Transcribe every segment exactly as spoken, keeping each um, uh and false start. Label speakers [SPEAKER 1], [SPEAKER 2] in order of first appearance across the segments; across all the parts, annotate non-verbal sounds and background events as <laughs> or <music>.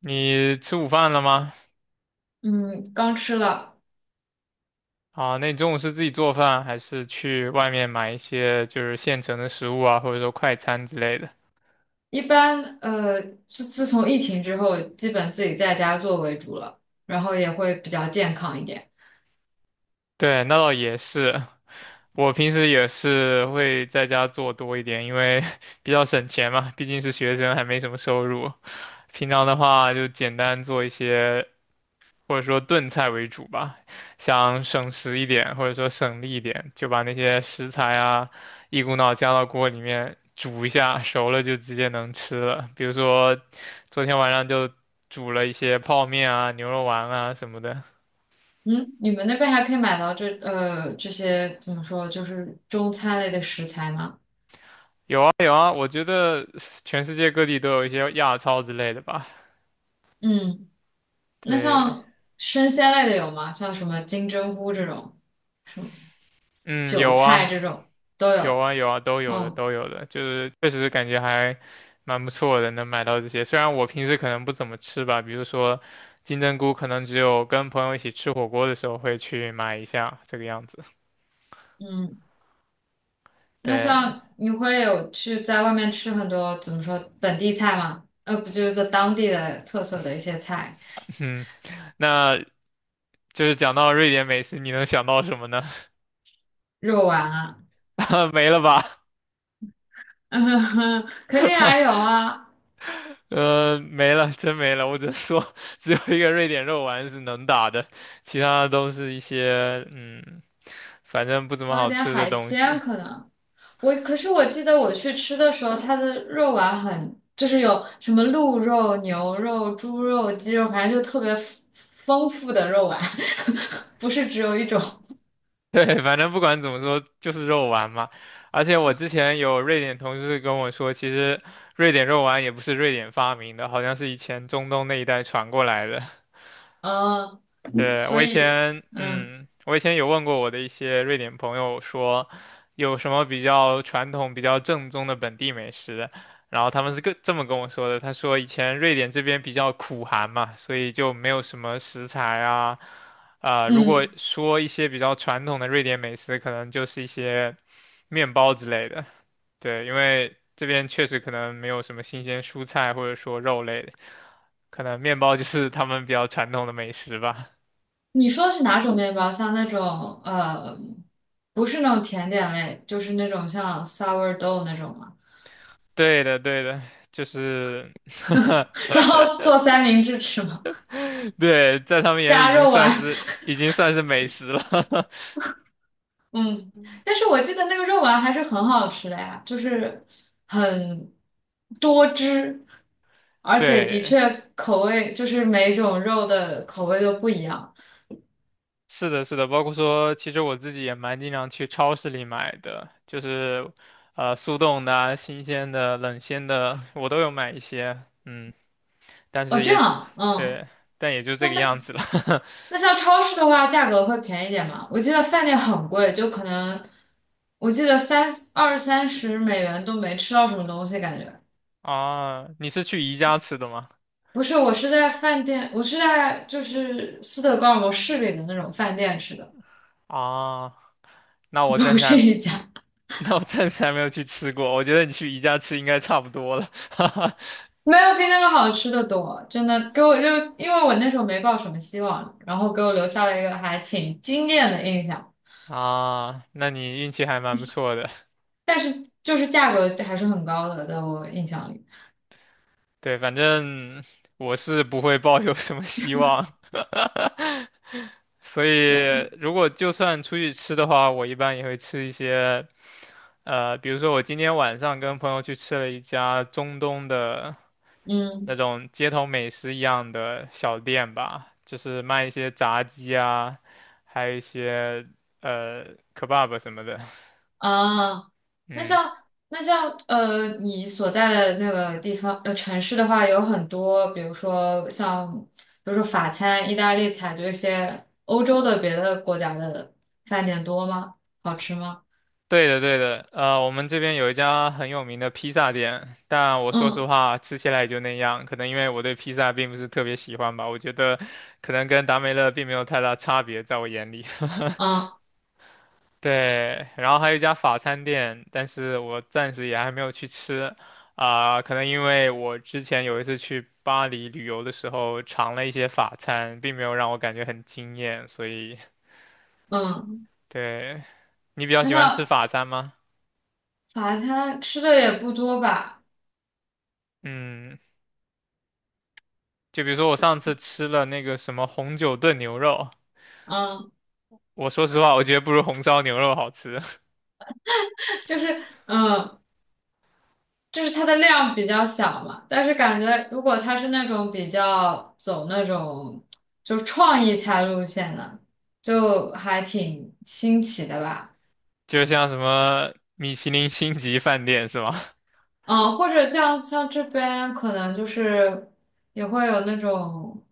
[SPEAKER 1] 你吃午饭了吗？
[SPEAKER 2] 嗯，刚吃了。
[SPEAKER 1] 啊，那你中午是自己做饭，还是去外面买一些就是现成的食物啊，或者说快餐之类的？
[SPEAKER 2] 一般呃，自自从疫情之后，基本自己在家做为主了，然后也会比较健康一点。
[SPEAKER 1] 对，那倒也是。我平时也是会在家做多一点，因为 <laughs> 比较省钱嘛，毕竟是学生，还没什么收入。平常的话就简单做一些或者说炖菜为主吧，想省时一点，或者说省力一点，就把那些食材啊一股脑加到锅里面煮一下，熟了就直接能吃了。比如说昨天晚上就煮了一些泡面啊、牛肉丸啊什么的。
[SPEAKER 2] 嗯，你们那边还可以买到这呃这些怎么说，就是中餐类的食材吗？
[SPEAKER 1] 有啊有啊，我觉得全世界各地都有一些亚超之类的吧。
[SPEAKER 2] 嗯，那
[SPEAKER 1] 对，
[SPEAKER 2] 像生鲜类的有吗？像什么金针菇这种，什么
[SPEAKER 1] 嗯，
[SPEAKER 2] 韭
[SPEAKER 1] 有
[SPEAKER 2] 菜
[SPEAKER 1] 啊。
[SPEAKER 2] 这种都
[SPEAKER 1] 有
[SPEAKER 2] 有。
[SPEAKER 1] 啊有啊，都有的
[SPEAKER 2] 嗯。
[SPEAKER 1] 都有的，就是确实感觉还蛮不错的，能买到这些。虽然我平时可能不怎么吃吧，比如说金针菇，可能只有跟朋友一起吃火锅的时候会去买一下，这个样子。
[SPEAKER 2] 嗯。那
[SPEAKER 1] 对，
[SPEAKER 2] 像你会有去在外面吃很多怎么说本地菜吗？呃，不就是在当地的特色的一些菜，
[SPEAKER 1] <laughs> 嗯，那就是讲到瑞典美食，你能想到什么呢？
[SPEAKER 2] 肉丸啊，
[SPEAKER 1] <laughs> 没了吧？
[SPEAKER 2] <laughs> 肯定还有啊，
[SPEAKER 1] 呃，没了，真没了。我只能说，只有一个瑞典肉丸是能打的，其他的都是一些嗯，反正不怎么
[SPEAKER 2] 还有
[SPEAKER 1] 好
[SPEAKER 2] 点
[SPEAKER 1] 吃的
[SPEAKER 2] 海
[SPEAKER 1] 东西。
[SPEAKER 2] 鲜可能。我可是我记得我去吃的时候，它的肉丸很，就是有什么鹿肉、牛肉、猪肉、鸡肉，反正就特别丰丰富的肉丸，<laughs> 不是只有一种。
[SPEAKER 1] <laughs> 对，反正不管怎么说，就是肉丸嘛。而且我之前有瑞典同事跟我说，其实瑞典肉丸也不是瑞典发明的，好像是以前中东那一带传过来的。
[SPEAKER 2] 嗯，
[SPEAKER 1] 对，我
[SPEAKER 2] 所
[SPEAKER 1] 以
[SPEAKER 2] 以
[SPEAKER 1] 前，
[SPEAKER 2] 嗯
[SPEAKER 1] 嗯，我以前有问过我的一些瑞典朋友说，有什么比较传统、比较正宗的本地美食，然后他们是跟这么跟我说的，他说以前瑞典这边比较苦寒嘛，所以就没有什么食材啊，啊、如果
[SPEAKER 2] 嗯。
[SPEAKER 1] 说一些比较传统的瑞典美食，可能就是一些面包之类的，对，因为这边确实可能没有什么新鲜蔬菜或者说肉类的，可能面包就是他们比较传统的美食吧。
[SPEAKER 2] 你说的是哪种面包？像那种呃，不是那种甜点类，就是那种像 sourdough 那种吗？
[SPEAKER 1] 对的，对的，就是，
[SPEAKER 2] <laughs> 然
[SPEAKER 1] <laughs>
[SPEAKER 2] 后做三明治吃吗？
[SPEAKER 1] 对，在他们眼里已
[SPEAKER 2] 加
[SPEAKER 1] 经
[SPEAKER 2] 肉
[SPEAKER 1] 算
[SPEAKER 2] 丸，
[SPEAKER 1] 是已经算是美食了。<laughs>
[SPEAKER 2] <laughs> 嗯，但是我记得那个肉丸还是很好吃的呀，就是很多汁，而且的
[SPEAKER 1] 对，
[SPEAKER 2] 确口味就是每种肉的口味都不一样。
[SPEAKER 1] 是的，是的，包括说，其实我自己也蛮经常去超市里买的，就是，呃，速冻的啊新鲜的、冷鲜的，我都有买一些，嗯，但
[SPEAKER 2] 哦，
[SPEAKER 1] 是
[SPEAKER 2] 这
[SPEAKER 1] 也，
[SPEAKER 2] 样啊，嗯。
[SPEAKER 1] 对，但也就
[SPEAKER 2] 那
[SPEAKER 1] 这个样
[SPEAKER 2] 像。
[SPEAKER 1] 子了。
[SPEAKER 2] 那像超市的话，价格会便宜点吗？我记得饭店很贵，就可能我记得三二三十美元都没吃到什么东西，感觉
[SPEAKER 1] <laughs> 啊，你是去宜家吃的吗？
[SPEAKER 2] 不是。我是在饭店，我是在就是斯德哥尔摩市里的那种饭店吃的，
[SPEAKER 1] 啊，那
[SPEAKER 2] <laughs>
[SPEAKER 1] 我暂
[SPEAKER 2] 不
[SPEAKER 1] 时
[SPEAKER 2] 是
[SPEAKER 1] 还
[SPEAKER 2] 一家，
[SPEAKER 1] <laughs> 那我暂时还没有去吃过，我觉得你去宜家吃应该差不多了。<laughs> 哈哈，
[SPEAKER 2] 没有比那个好吃的多，真的给我就因为我那时候没抱什么希望，然后给我留下了一个还挺惊艳的印象，
[SPEAKER 1] 啊，那你运气还蛮不错的。
[SPEAKER 2] 但是就是价格还是很高的，在我印象里，
[SPEAKER 1] 对，反正我是不会抱有什么希望，所以如果就算出去吃的话，我一般也会吃一些，呃，比如说我今天晚上跟朋友去吃了一家中东的那
[SPEAKER 2] 嗯。
[SPEAKER 1] 种街头美食一样的小店吧，就是卖一些炸鸡啊，还有一些呃 kebab 什么的，
[SPEAKER 2] 啊，
[SPEAKER 1] <laughs>
[SPEAKER 2] 那
[SPEAKER 1] 嗯。
[SPEAKER 2] 像那像呃，你所在的那个地方呃城市的话，有很多，比如说像比如说法餐、意大利菜，就一些欧洲的别的国家的饭店多吗？好吃吗？
[SPEAKER 1] 对的，对的，呃，我们这边有一家很有名的披萨店，但我说实
[SPEAKER 2] 嗯
[SPEAKER 1] 话，吃起来也就那样。可能因为我对披萨并不是特别喜欢吧，我觉得可能跟达美乐并没有太大差别，在我眼里。
[SPEAKER 2] 嗯
[SPEAKER 1] <laughs> 对，然后还有一家法餐店，但是我暂时也还没有去吃，啊、可能因为我之前有一次去巴黎旅游的时候尝了一些法餐，并没有让我感觉很惊艳，所以，
[SPEAKER 2] 嗯，
[SPEAKER 1] 对，你比较
[SPEAKER 2] 那
[SPEAKER 1] 喜欢吃
[SPEAKER 2] 像
[SPEAKER 1] 法餐吗？
[SPEAKER 2] 法餐吃的也不多吧？
[SPEAKER 1] 嗯。就比如说我上次吃了那个什么红酒炖牛肉，
[SPEAKER 2] 嗯，
[SPEAKER 1] 我说实话，我觉得不如红烧牛肉好吃。
[SPEAKER 2] <laughs> 就是嗯。呃就是它的量比较小嘛，但是感觉如果它是那种比较走那种就是创意菜路线的，就还挺新奇的吧。
[SPEAKER 1] <laughs> 就像什么米其林星级饭店是吗？
[SPEAKER 2] 嗯，或者像像这边可能就是也会有那种，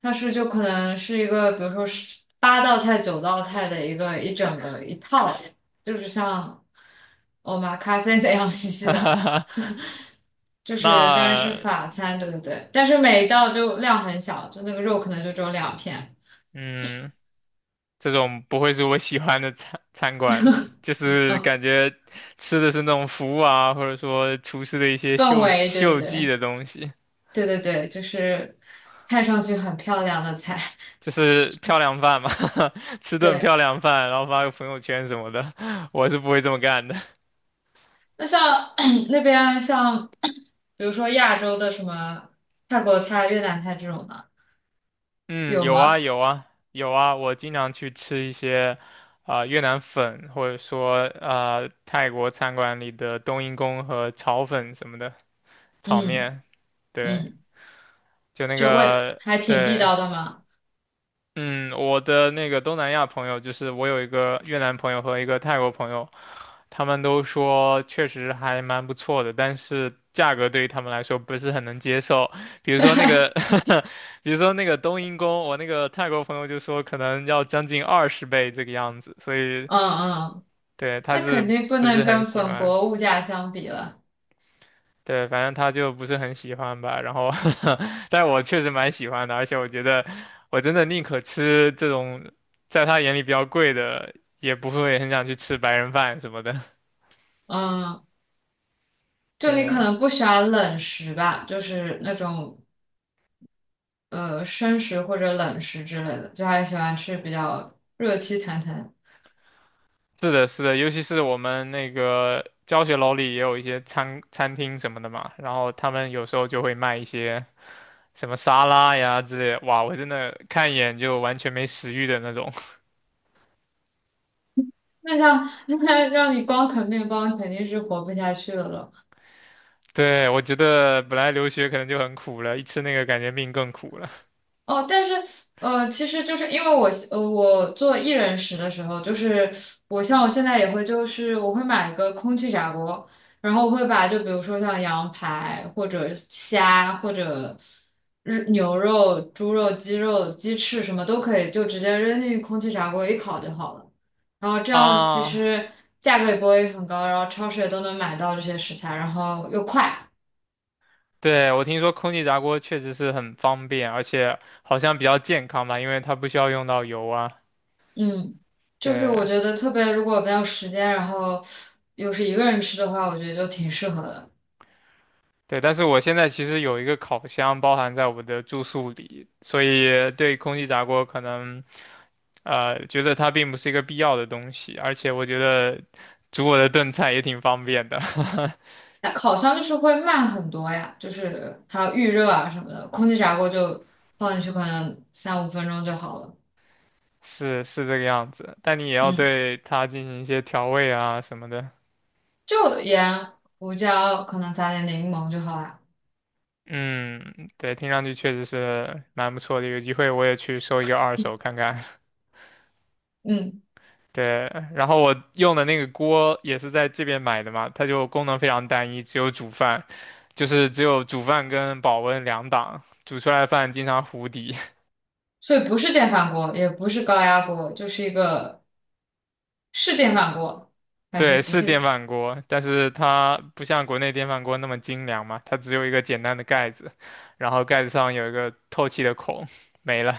[SPEAKER 2] 它是就可能是一个，比如说是八道菜、九道菜的一个一整个一套，就是像 omakase 那样 <laughs> 细细的。
[SPEAKER 1] <laughs>
[SPEAKER 2] 就是但然是
[SPEAKER 1] 那
[SPEAKER 2] 法餐，对对对，但是每一道就量很小，就那个肉可能就只有两片，
[SPEAKER 1] 嗯，这种不会是我喜欢的餐餐馆，就是
[SPEAKER 2] 嗯，
[SPEAKER 1] 感觉吃的是那种服务啊，或者说厨师的一些
[SPEAKER 2] 氛
[SPEAKER 1] 秀
[SPEAKER 2] 围，对对
[SPEAKER 1] 秀技
[SPEAKER 2] 对，
[SPEAKER 1] 的东西，
[SPEAKER 2] 对对对，就是看上去很漂亮的菜，
[SPEAKER 1] 就是漂亮饭嘛，<laughs> 吃
[SPEAKER 2] <laughs>
[SPEAKER 1] 顿漂
[SPEAKER 2] 对。
[SPEAKER 1] 亮饭，然后发个朋友圈什么的，<laughs> 我是不会这么干的。
[SPEAKER 2] 那像 <clears throat> 那边像比如说亚洲的什么泰国菜、越南菜这种的，
[SPEAKER 1] 嗯，
[SPEAKER 2] 有
[SPEAKER 1] 有啊
[SPEAKER 2] 吗？
[SPEAKER 1] 有啊有啊，我经常去吃一些啊、越南粉，或者说啊泰国餐馆里的冬阴功和炒粉什么的，炒
[SPEAKER 2] 嗯
[SPEAKER 1] 面，对，
[SPEAKER 2] 嗯，
[SPEAKER 1] 就那
[SPEAKER 2] 就味
[SPEAKER 1] 个
[SPEAKER 2] 还挺地
[SPEAKER 1] 对
[SPEAKER 2] 道的嘛，
[SPEAKER 1] 嗯，我的那个东南亚朋友，就是我有一个越南朋友和一个泰国朋友，他们都说确实还蛮不错的，但是价格对于他们来说不是很能接受。比如说那个，<laughs> 比如说那个冬阴功，我那个泰国朋友就说可能要将近二十倍这个样子，所以
[SPEAKER 2] 嗯嗯，
[SPEAKER 1] 对他
[SPEAKER 2] 那肯
[SPEAKER 1] 是
[SPEAKER 2] 定不
[SPEAKER 1] 不
[SPEAKER 2] 能
[SPEAKER 1] 是很
[SPEAKER 2] 跟
[SPEAKER 1] 喜
[SPEAKER 2] 本
[SPEAKER 1] 欢？
[SPEAKER 2] 国物价相比了。
[SPEAKER 1] 对，反正他就不是很喜欢吧，然后，<laughs> 但我确实蛮喜欢的，而且我觉得我真的宁可吃这种在他眼里比较贵的，也不会很想去吃白人饭什么的。
[SPEAKER 2] 嗯，就你可
[SPEAKER 1] 对，
[SPEAKER 2] 能不喜欢冷食吧，就是那种呃生食或者冷食之类的，就还喜欢吃比较热气腾腾。
[SPEAKER 1] 是的，是的，尤其是我们那个教学楼里也有一些餐餐厅什么的嘛，然后他们有时候就会卖一些什么沙拉呀之类的哇，我真的看一眼就完全没食欲的那种。<laughs>
[SPEAKER 2] 那像 <laughs> 那让你光啃面包，肯定是活不下去了
[SPEAKER 1] 对，我觉得本来留学可能就很苦了，一吃那个感觉命更苦了。
[SPEAKER 2] 哦，但是呃，其实就是因为我呃，我做一人食的时候，就是我像我现在也会，就是我会买一个空气炸锅，然后我会把就比如说像羊排或者虾或者日牛肉、猪肉、鸡肉、鸡翅什么都可以，就直接扔进空气炸锅一烤就好了。然后这样其
[SPEAKER 1] 啊，
[SPEAKER 2] 实价格也不会很高，然后超市也都能买到这些食材，然后又快。
[SPEAKER 1] 对，我听说空气炸锅确实是很方便，而且好像比较健康吧，因为它不需要用到油啊。
[SPEAKER 2] 嗯，就是我
[SPEAKER 1] 对，
[SPEAKER 2] 觉得特别，如果没有时间，然后又是一个人吃的话，我觉得就挺适合的。
[SPEAKER 1] 对，但是我现在其实有一个烤箱包含在我的住宿里，所以对空气炸锅可能呃觉得它并不是一个必要的东西，而且我觉得煮我的炖菜也挺方便的，
[SPEAKER 2] 那烤箱就是会慢很多呀，就是还有预热啊什么的，空气炸锅就放进去可能三五分钟就好了。
[SPEAKER 1] <laughs> 是是这个样子。但你也要
[SPEAKER 2] 嗯，
[SPEAKER 1] 对它进行一些调味啊什么的。
[SPEAKER 2] 就盐、胡椒，可能撒点柠檬就好啦。
[SPEAKER 1] 嗯，对，听上去确实是蛮不错的，有机会我也去收一个二手看看。<laughs>
[SPEAKER 2] 嗯，
[SPEAKER 1] 对，然后我用的那个锅也是在这边买的嘛，它就功能非常单一，只有煮饭，就是只有煮饭跟保温两档，煮出来的饭经常糊底。
[SPEAKER 2] 所以不是电饭锅，也不是高压锅，就是一个是电饭锅
[SPEAKER 1] <laughs>
[SPEAKER 2] 还是
[SPEAKER 1] 对，
[SPEAKER 2] 不
[SPEAKER 1] 是
[SPEAKER 2] 是？
[SPEAKER 1] 电饭锅，但是它不像国内电饭锅那么精良嘛，它只有一个简单的盖子，然后盖子上有一个透气的孔，没了。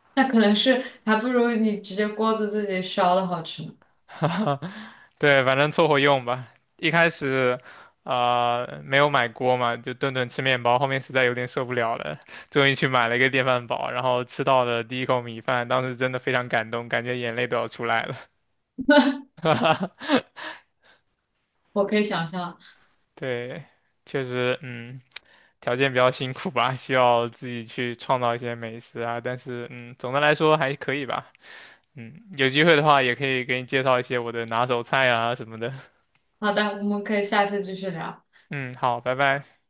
[SPEAKER 2] <laughs> 那可能是还不如你直接锅子自己烧的好吃呢。
[SPEAKER 1] <laughs> 对，反正凑合用吧。一开始，啊，没有买锅嘛，就顿顿吃面包，后面实在有点受不了了，终于去买了一个电饭煲，然后吃到了第一口米饭，当时真的非常感动，感觉眼泪都要出来了。<laughs>
[SPEAKER 2] 我可以想象。
[SPEAKER 1] 对，确实，嗯，条件比较辛苦吧，需要自己去创造一些美食啊，但是，嗯，总的来说还可以吧。嗯，有机会的话也可以给你介绍一些我的拿手菜啊什么的。
[SPEAKER 2] 好的，我们可以下次继续聊。
[SPEAKER 1] 嗯，好，拜拜。